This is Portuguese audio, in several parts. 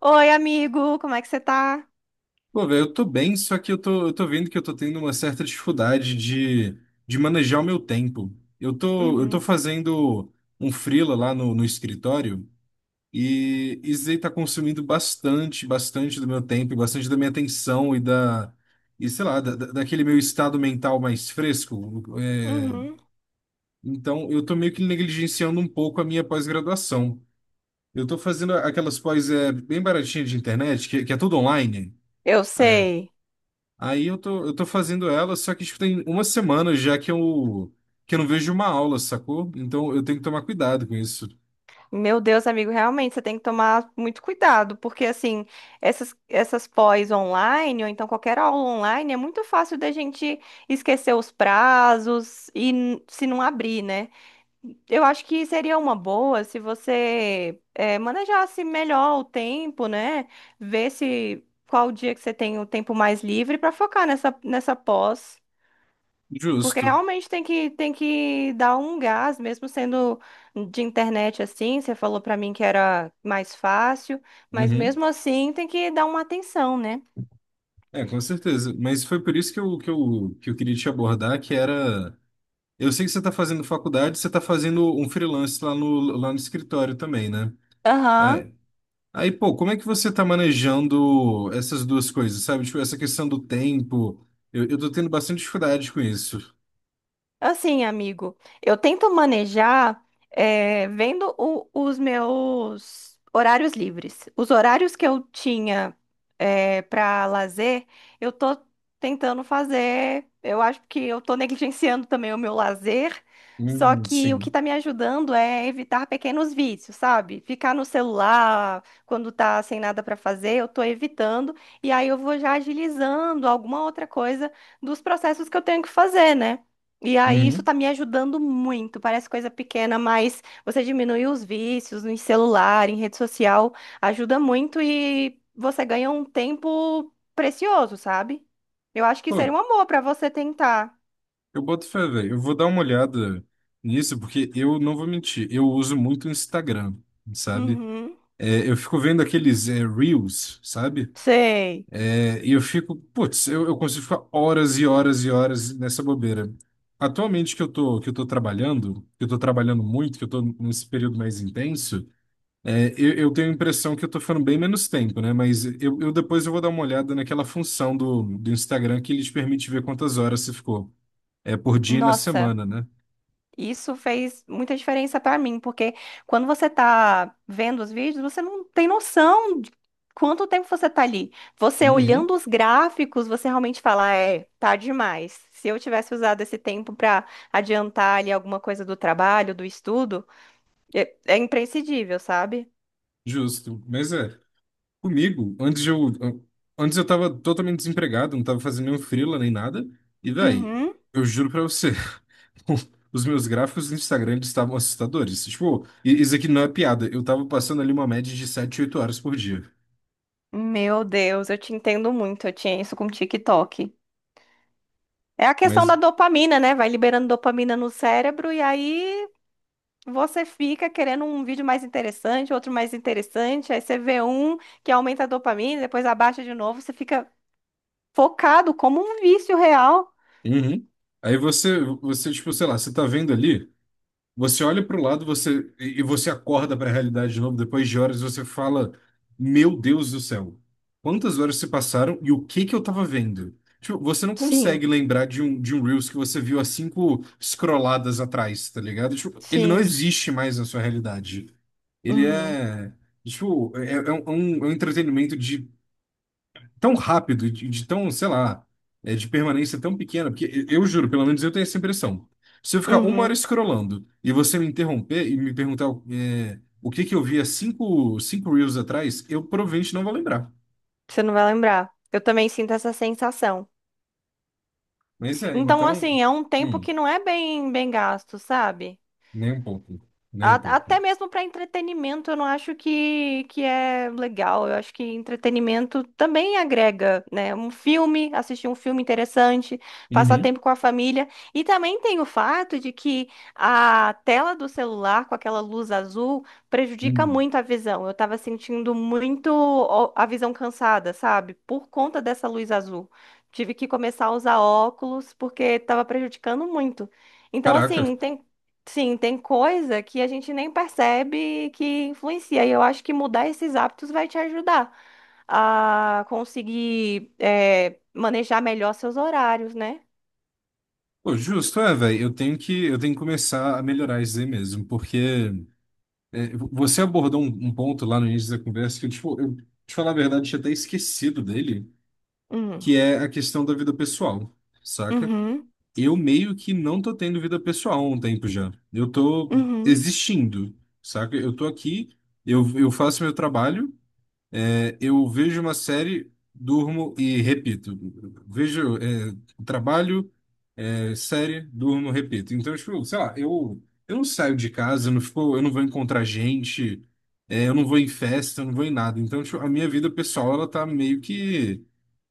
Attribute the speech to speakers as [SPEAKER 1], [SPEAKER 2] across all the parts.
[SPEAKER 1] Oi, amigo, como é que você tá?
[SPEAKER 2] Pô, velho, eu tô bem, só que eu tô vendo que eu tô tendo uma certa dificuldade de manejar o meu tempo. Eu tô
[SPEAKER 1] Uhum,
[SPEAKER 2] fazendo um freela lá no escritório, e isso aí tá consumindo bastante, bastante do meu tempo, e bastante da minha atenção e sei lá, daquele meu estado mental mais fresco. É,
[SPEAKER 1] uhum.
[SPEAKER 2] então, eu tô meio que negligenciando um pouco a minha pós-graduação. Eu tô fazendo aquelas pós, é, bem baratinhas de internet, que é tudo online.
[SPEAKER 1] Eu
[SPEAKER 2] É,
[SPEAKER 1] sei.
[SPEAKER 2] aí eu tô fazendo ela, só que tipo, tem uma semana já que eu não vejo uma aula, sacou? Então eu tenho que tomar cuidado com isso.
[SPEAKER 1] Meu Deus, amigo, realmente você tem que tomar muito cuidado, porque assim, essas pós online, ou então qualquer aula online, é muito fácil da gente esquecer os prazos e se não abrir, né? Eu acho que seria uma boa se você manejasse melhor o tempo, né? Ver se qual dia que você tem o tempo mais livre para focar nessa pós. Porque
[SPEAKER 2] Justo.
[SPEAKER 1] realmente tem que dar um gás, mesmo sendo de internet assim. Você falou pra mim que era mais fácil, mas
[SPEAKER 2] Uhum.
[SPEAKER 1] mesmo assim tem que dar uma atenção, né?
[SPEAKER 2] É, com certeza. Mas foi por isso que eu queria te abordar, que era. Eu sei que você está fazendo faculdade, você está fazendo um freelance lá no escritório também, né?
[SPEAKER 1] Aham.
[SPEAKER 2] Aí, aí, pô, como é que você está manejando essas duas coisas, sabe? Tipo, essa questão do tempo. Eu tô tendo bastante dificuldade com isso.
[SPEAKER 1] Assim, amigo, eu tento manejar vendo os meus horários livres. Os horários que eu tinha para lazer, eu tô tentando fazer. Eu acho que eu tô negligenciando também o meu lazer. Só que o que
[SPEAKER 2] Sim.
[SPEAKER 1] tá me ajudando é evitar pequenos vícios, sabe? Ficar no celular quando tá sem nada para fazer, eu tô evitando. E aí eu vou já agilizando alguma outra coisa dos processos que eu tenho que fazer, né? E aí, isso
[SPEAKER 2] Uhum.
[SPEAKER 1] tá me ajudando muito. Parece coisa pequena, mas você diminui os vícios em celular, em rede social, ajuda muito e você ganha um tempo precioso, sabe? Eu acho que
[SPEAKER 2] Pô,
[SPEAKER 1] seria um amor pra você tentar.
[SPEAKER 2] eu boto fé, velho. Eu vou dar uma olhada nisso, porque eu não vou mentir, eu uso muito o Instagram, sabe?
[SPEAKER 1] Uhum.
[SPEAKER 2] É, eu fico vendo aqueles, é, Reels, sabe?
[SPEAKER 1] Sei.
[SPEAKER 2] É, e eu fico, putz, eu consigo ficar horas e horas e horas nessa bobeira. Atualmente que eu tô trabalhando, que eu tô trabalhando muito, que eu tô nesse período mais intenso, é, eu tenho a impressão que eu tô ficando bem menos tempo, né? Mas eu depois eu vou dar uma olhada naquela função do Instagram que ele te permite ver quantas horas você ficou. É por dia e na
[SPEAKER 1] Nossa.
[SPEAKER 2] semana, né?
[SPEAKER 1] Isso fez muita diferença pra mim, porque quando você tá vendo os vídeos, você não tem noção de quanto tempo você tá ali. Você
[SPEAKER 2] Uhum,
[SPEAKER 1] olhando os gráficos, você realmente fala, é, tá demais. Se eu tivesse usado esse tempo pra adiantar ali alguma coisa do trabalho, do estudo, é, é imprescindível, sabe?
[SPEAKER 2] justo. Mas é, comigo, antes eu tava totalmente desempregado, não tava fazendo nenhum freela nem nada. E, véi,
[SPEAKER 1] Uhum.
[SPEAKER 2] eu juro pra você, os meus gráficos no Instagram eles estavam assustadores. Tipo, isso aqui não é piada. Eu tava passando ali uma média de 7 8 horas por dia.
[SPEAKER 1] Meu Deus, eu te entendo muito. Eu tinha isso com o TikTok. É a questão da
[SPEAKER 2] Mas,
[SPEAKER 1] dopamina, né? Vai liberando dopamina no cérebro e aí você fica querendo um vídeo mais interessante, outro mais interessante, aí você vê um que aumenta a dopamina, depois abaixa de novo, você fica focado como um vício real.
[SPEAKER 2] uhum. Aí você, tipo, sei lá, você tá vendo ali. Você olha para o lado, você e você acorda para a realidade de novo depois de horas, e você fala: "Meu Deus do céu. Quantas horas se passaram e o que que eu tava vendo?" Tipo, você não
[SPEAKER 1] Sim,
[SPEAKER 2] consegue lembrar de um Reels que você viu há cinco scrolladas atrás, tá ligado? Tipo, ele não
[SPEAKER 1] sim.
[SPEAKER 2] existe mais na sua realidade. Ele
[SPEAKER 1] Uhum,
[SPEAKER 2] é tipo, é, é um entretenimento de tão rápido, e de tão, sei lá, é, de permanência tão pequena, porque eu juro, pelo menos eu tenho essa impressão. Se eu ficar uma hora
[SPEAKER 1] uhum.
[SPEAKER 2] scrollando e você me interromper e me perguntar, é, o que que eu vi há cinco reels atrás, eu provavelmente não vou lembrar.
[SPEAKER 1] Você não vai lembrar. Eu também sinto essa sensação.
[SPEAKER 2] Mas é,
[SPEAKER 1] Então,
[SPEAKER 2] então,
[SPEAKER 1] assim, é um tempo
[SPEAKER 2] hum,
[SPEAKER 1] que não é bem, bem gasto, sabe?
[SPEAKER 2] nem um pouco, nem um pouco.
[SPEAKER 1] Até mesmo para entretenimento, eu não acho que é legal. Eu acho que entretenimento também agrega, né? Um filme, assistir um filme interessante, passar
[SPEAKER 2] Uhum,
[SPEAKER 1] tempo com a família. E também tem o fato de que a tela do celular, com aquela luz azul, prejudica
[SPEAKER 2] uhum.
[SPEAKER 1] muito a visão. Eu estava sentindo muito ó, a visão cansada, sabe? Por conta dessa luz azul. Tive que começar a usar óculos porque estava prejudicando muito. Então, assim,
[SPEAKER 2] Caraca.
[SPEAKER 1] tem. Sim, tem coisa que a gente nem percebe que influencia. E eu acho que mudar esses hábitos vai te ajudar a conseguir manejar melhor seus horários, né?
[SPEAKER 2] Pô, justo, é, velho, eu tenho que começar a melhorar isso aí mesmo, porque é, você abordou um ponto lá no início da conversa que eu, tipo, te falar a verdade, tinha até esquecido dele,
[SPEAKER 1] Hum.
[SPEAKER 2] que é a questão da vida pessoal, saca?
[SPEAKER 1] Uhum,
[SPEAKER 2] Eu meio que não tô tendo vida pessoal há um tempo já. Eu tô
[SPEAKER 1] uhum,
[SPEAKER 2] existindo, saca? Eu tô aqui, eu faço meu trabalho, é, eu vejo uma série, durmo e repito. Vejo, é, trabalho, é, série, durmo, repito. Então, tipo, sei lá, eu não saio de casa, eu não fico, eu não vou encontrar gente, é, eu não vou em festa, eu não vou em nada. Então, tipo, a minha vida pessoal, ela tá meio que,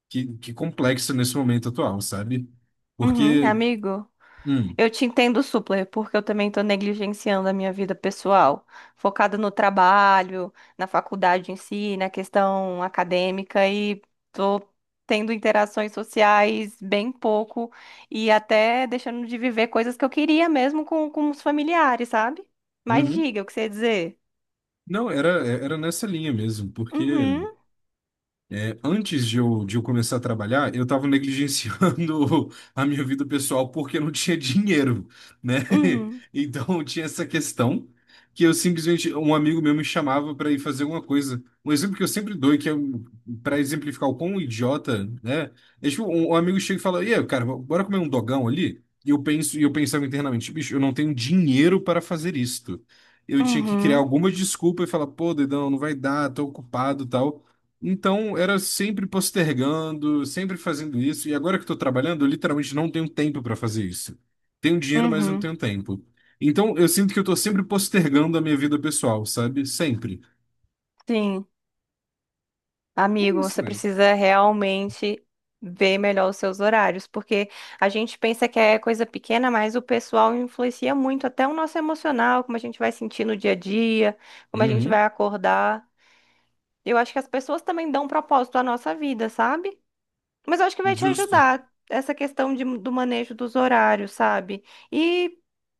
[SPEAKER 2] que, que complexa nesse momento atual, sabe?
[SPEAKER 1] uhum, uhum.
[SPEAKER 2] Porque,
[SPEAKER 1] Amigo,
[SPEAKER 2] hum,
[SPEAKER 1] eu te entendo super, porque eu também estou negligenciando a minha vida pessoal, focada no trabalho, na faculdade em si, na questão acadêmica e estou tendo interações sociais bem pouco e até deixando de viver coisas que eu queria mesmo com os familiares, sabe? Mas
[SPEAKER 2] uhum.
[SPEAKER 1] diga o que você ia dizer.
[SPEAKER 2] Não, era, era nessa linha mesmo, porque
[SPEAKER 1] Uhum,
[SPEAKER 2] é, antes de eu começar a trabalhar, eu estava negligenciando a minha vida pessoal porque não tinha dinheiro, né?
[SPEAKER 1] uhum,
[SPEAKER 2] Então tinha essa questão que eu simplesmente, um amigo meu me chamava para ir fazer alguma coisa. Um exemplo que eu sempre dou, e que é para exemplificar o quão idiota, né? É tipo, um amigo chega e fala: "E aí, cara, bora comer um dogão ali?" E e eu pensava internamente, bicho, eu não tenho dinheiro para fazer isto. Eu tinha que criar
[SPEAKER 1] uhum,
[SPEAKER 2] alguma desculpa e falar, pô, dedão, não vai dar, tô ocupado, e tal. Então, era sempre postergando, sempre fazendo isso. E agora que estou trabalhando, eu literalmente não tenho tempo para fazer isso. Tenho dinheiro, mas não
[SPEAKER 1] uhum.
[SPEAKER 2] tenho tempo. Então, eu sinto que eu estou sempre postergando a minha vida pessoal, sabe? Sempre.
[SPEAKER 1] Sim.
[SPEAKER 2] É
[SPEAKER 1] Amigo,
[SPEAKER 2] isso,
[SPEAKER 1] você
[SPEAKER 2] velho.
[SPEAKER 1] precisa realmente ver melhor os seus horários, porque a gente pensa que é coisa pequena, mas o pessoal influencia muito até o nosso emocional, como a gente vai sentir no dia a dia, como a gente
[SPEAKER 2] Uhum.
[SPEAKER 1] vai acordar. Eu acho que as pessoas também dão propósito à nossa vida, sabe? Mas eu acho que vai te
[SPEAKER 2] Justo.
[SPEAKER 1] ajudar essa questão do manejo dos horários, sabe? E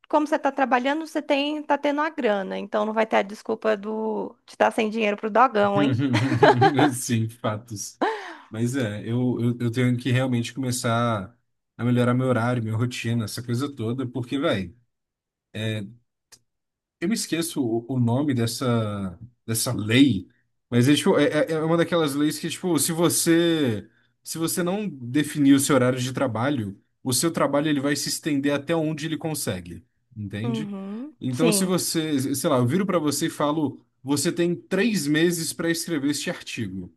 [SPEAKER 1] como você está trabalhando, você tem, tá tendo a grana, então não vai ter a desculpa do, de estar sem dinheiro pro dogão, hein?
[SPEAKER 2] Sim, fatos. Mas é, eu tenho que realmente começar a melhorar meu horário, minha rotina, essa coisa toda, porque, velho. Eu me esqueço o nome dessa lei, mas é, tipo, é uma daquelas leis que, tipo, se você não definir o seu horário de trabalho, o seu trabalho ele vai se estender até onde ele consegue, entende?
[SPEAKER 1] Uhum,
[SPEAKER 2] Então, se
[SPEAKER 1] sim.
[SPEAKER 2] você, sei lá, eu viro para você e falo, você tem 3 meses para escrever este artigo.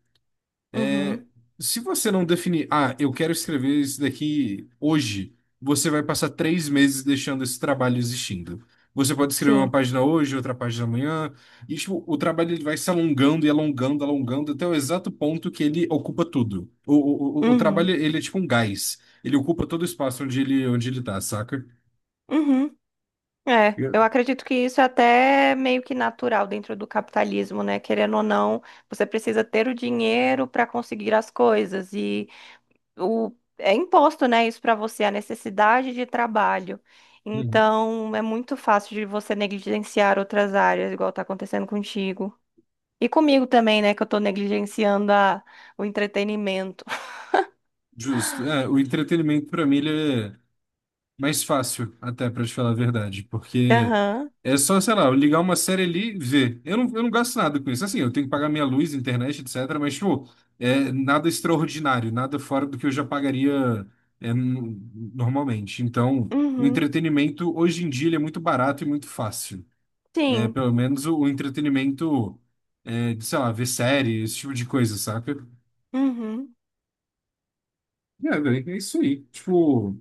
[SPEAKER 2] É,
[SPEAKER 1] Uhum,
[SPEAKER 2] se você não definir, ah, eu quero escrever isso daqui hoje, você vai passar 3 meses deixando esse trabalho existindo. Você pode escrever uma
[SPEAKER 1] sim.
[SPEAKER 2] página hoje, outra página amanhã, e tipo, o trabalho ele vai se alongando e alongando, alongando, até o exato ponto que ele ocupa tudo. O trabalho,
[SPEAKER 1] Uhum,
[SPEAKER 2] ele é tipo um gás. Ele ocupa todo o espaço onde ele tá, saca?
[SPEAKER 1] uhum. É, eu
[SPEAKER 2] Eu-
[SPEAKER 1] acredito que isso é até meio que natural dentro do capitalismo, né? Querendo ou não, você precisa ter o dinheiro para conseguir as coisas e o é imposto, né, isso para você, a necessidade de trabalho.
[SPEAKER 2] Uhum.
[SPEAKER 1] Então, é muito fácil de você negligenciar outras áreas, igual tá acontecendo contigo. E comigo também, né, que eu tô negligenciando a, o entretenimento.
[SPEAKER 2] Justo. É, o entretenimento, pra mim, ele é mais fácil, até, pra te falar a verdade, porque
[SPEAKER 1] Aham.
[SPEAKER 2] é só, sei lá, eu ligar uma série ali e ver. Eu não gasto nada com isso. Assim, eu tenho que pagar minha luz, internet, etc. Mas, tipo, é nada extraordinário, nada fora do que eu já pagaria, é, normalmente. Então, o
[SPEAKER 1] Uhum.
[SPEAKER 2] entretenimento, hoje em dia, ele é muito barato e muito fácil. É,
[SPEAKER 1] Sim.
[SPEAKER 2] pelo menos o entretenimento, é, de, sei lá, ver série, esse tipo de coisa, saca?
[SPEAKER 1] Uhum.
[SPEAKER 2] É, velho, é isso aí. Tipo,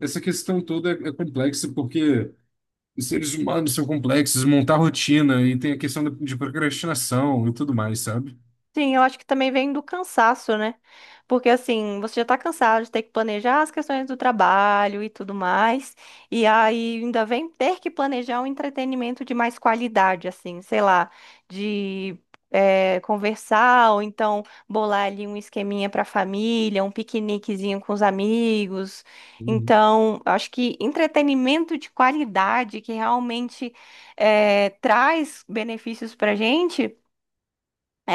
[SPEAKER 2] essa questão toda é, é complexa porque os seres humanos são complexos, montar rotina e tem a questão de procrastinação e tudo mais, sabe?
[SPEAKER 1] Sim, eu acho que também vem do cansaço, né? Porque assim, você já tá cansado de ter que planejar as questões do trabalho e tudo mais, e aí ainda vem ter que planejar um entretenimento de mais qualidade, assim, sei lá, de conversar, ou então bolar ali um esqueminha pra família, um piqueniquezinho com os amigos.
[SPEAKER 2] Uhum.
[SPEAKER 1] Então, eu acho que entretenimento de qualidade que realmente traz benefícios pra gente. É,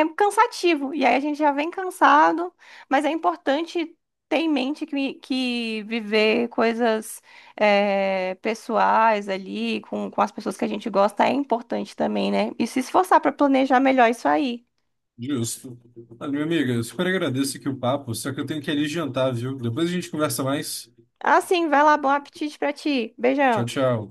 [SPEAKER 1] é, é cansativo, e aí a gente já vem cansado, mas é importante ter em mente que viver coisas é, pessoais ali, com as pessoas que a gente gosta, é importante também, né? E se esforçar para planejar melhor isso aí.
[SPEAKER 2] Justo. Olha, minha amiga, eu super agradeço aqui o papo, só que eu tenho que ir ali jantar, viu? Depois a gente conversa mais.
[SPEAKER 1] Ah, sim, vai lá, bom apetite para ti.
[SPEAKER 2] Tchau,
[SPEAKER 1] Beijão.
[SPEAKER 2] tchau.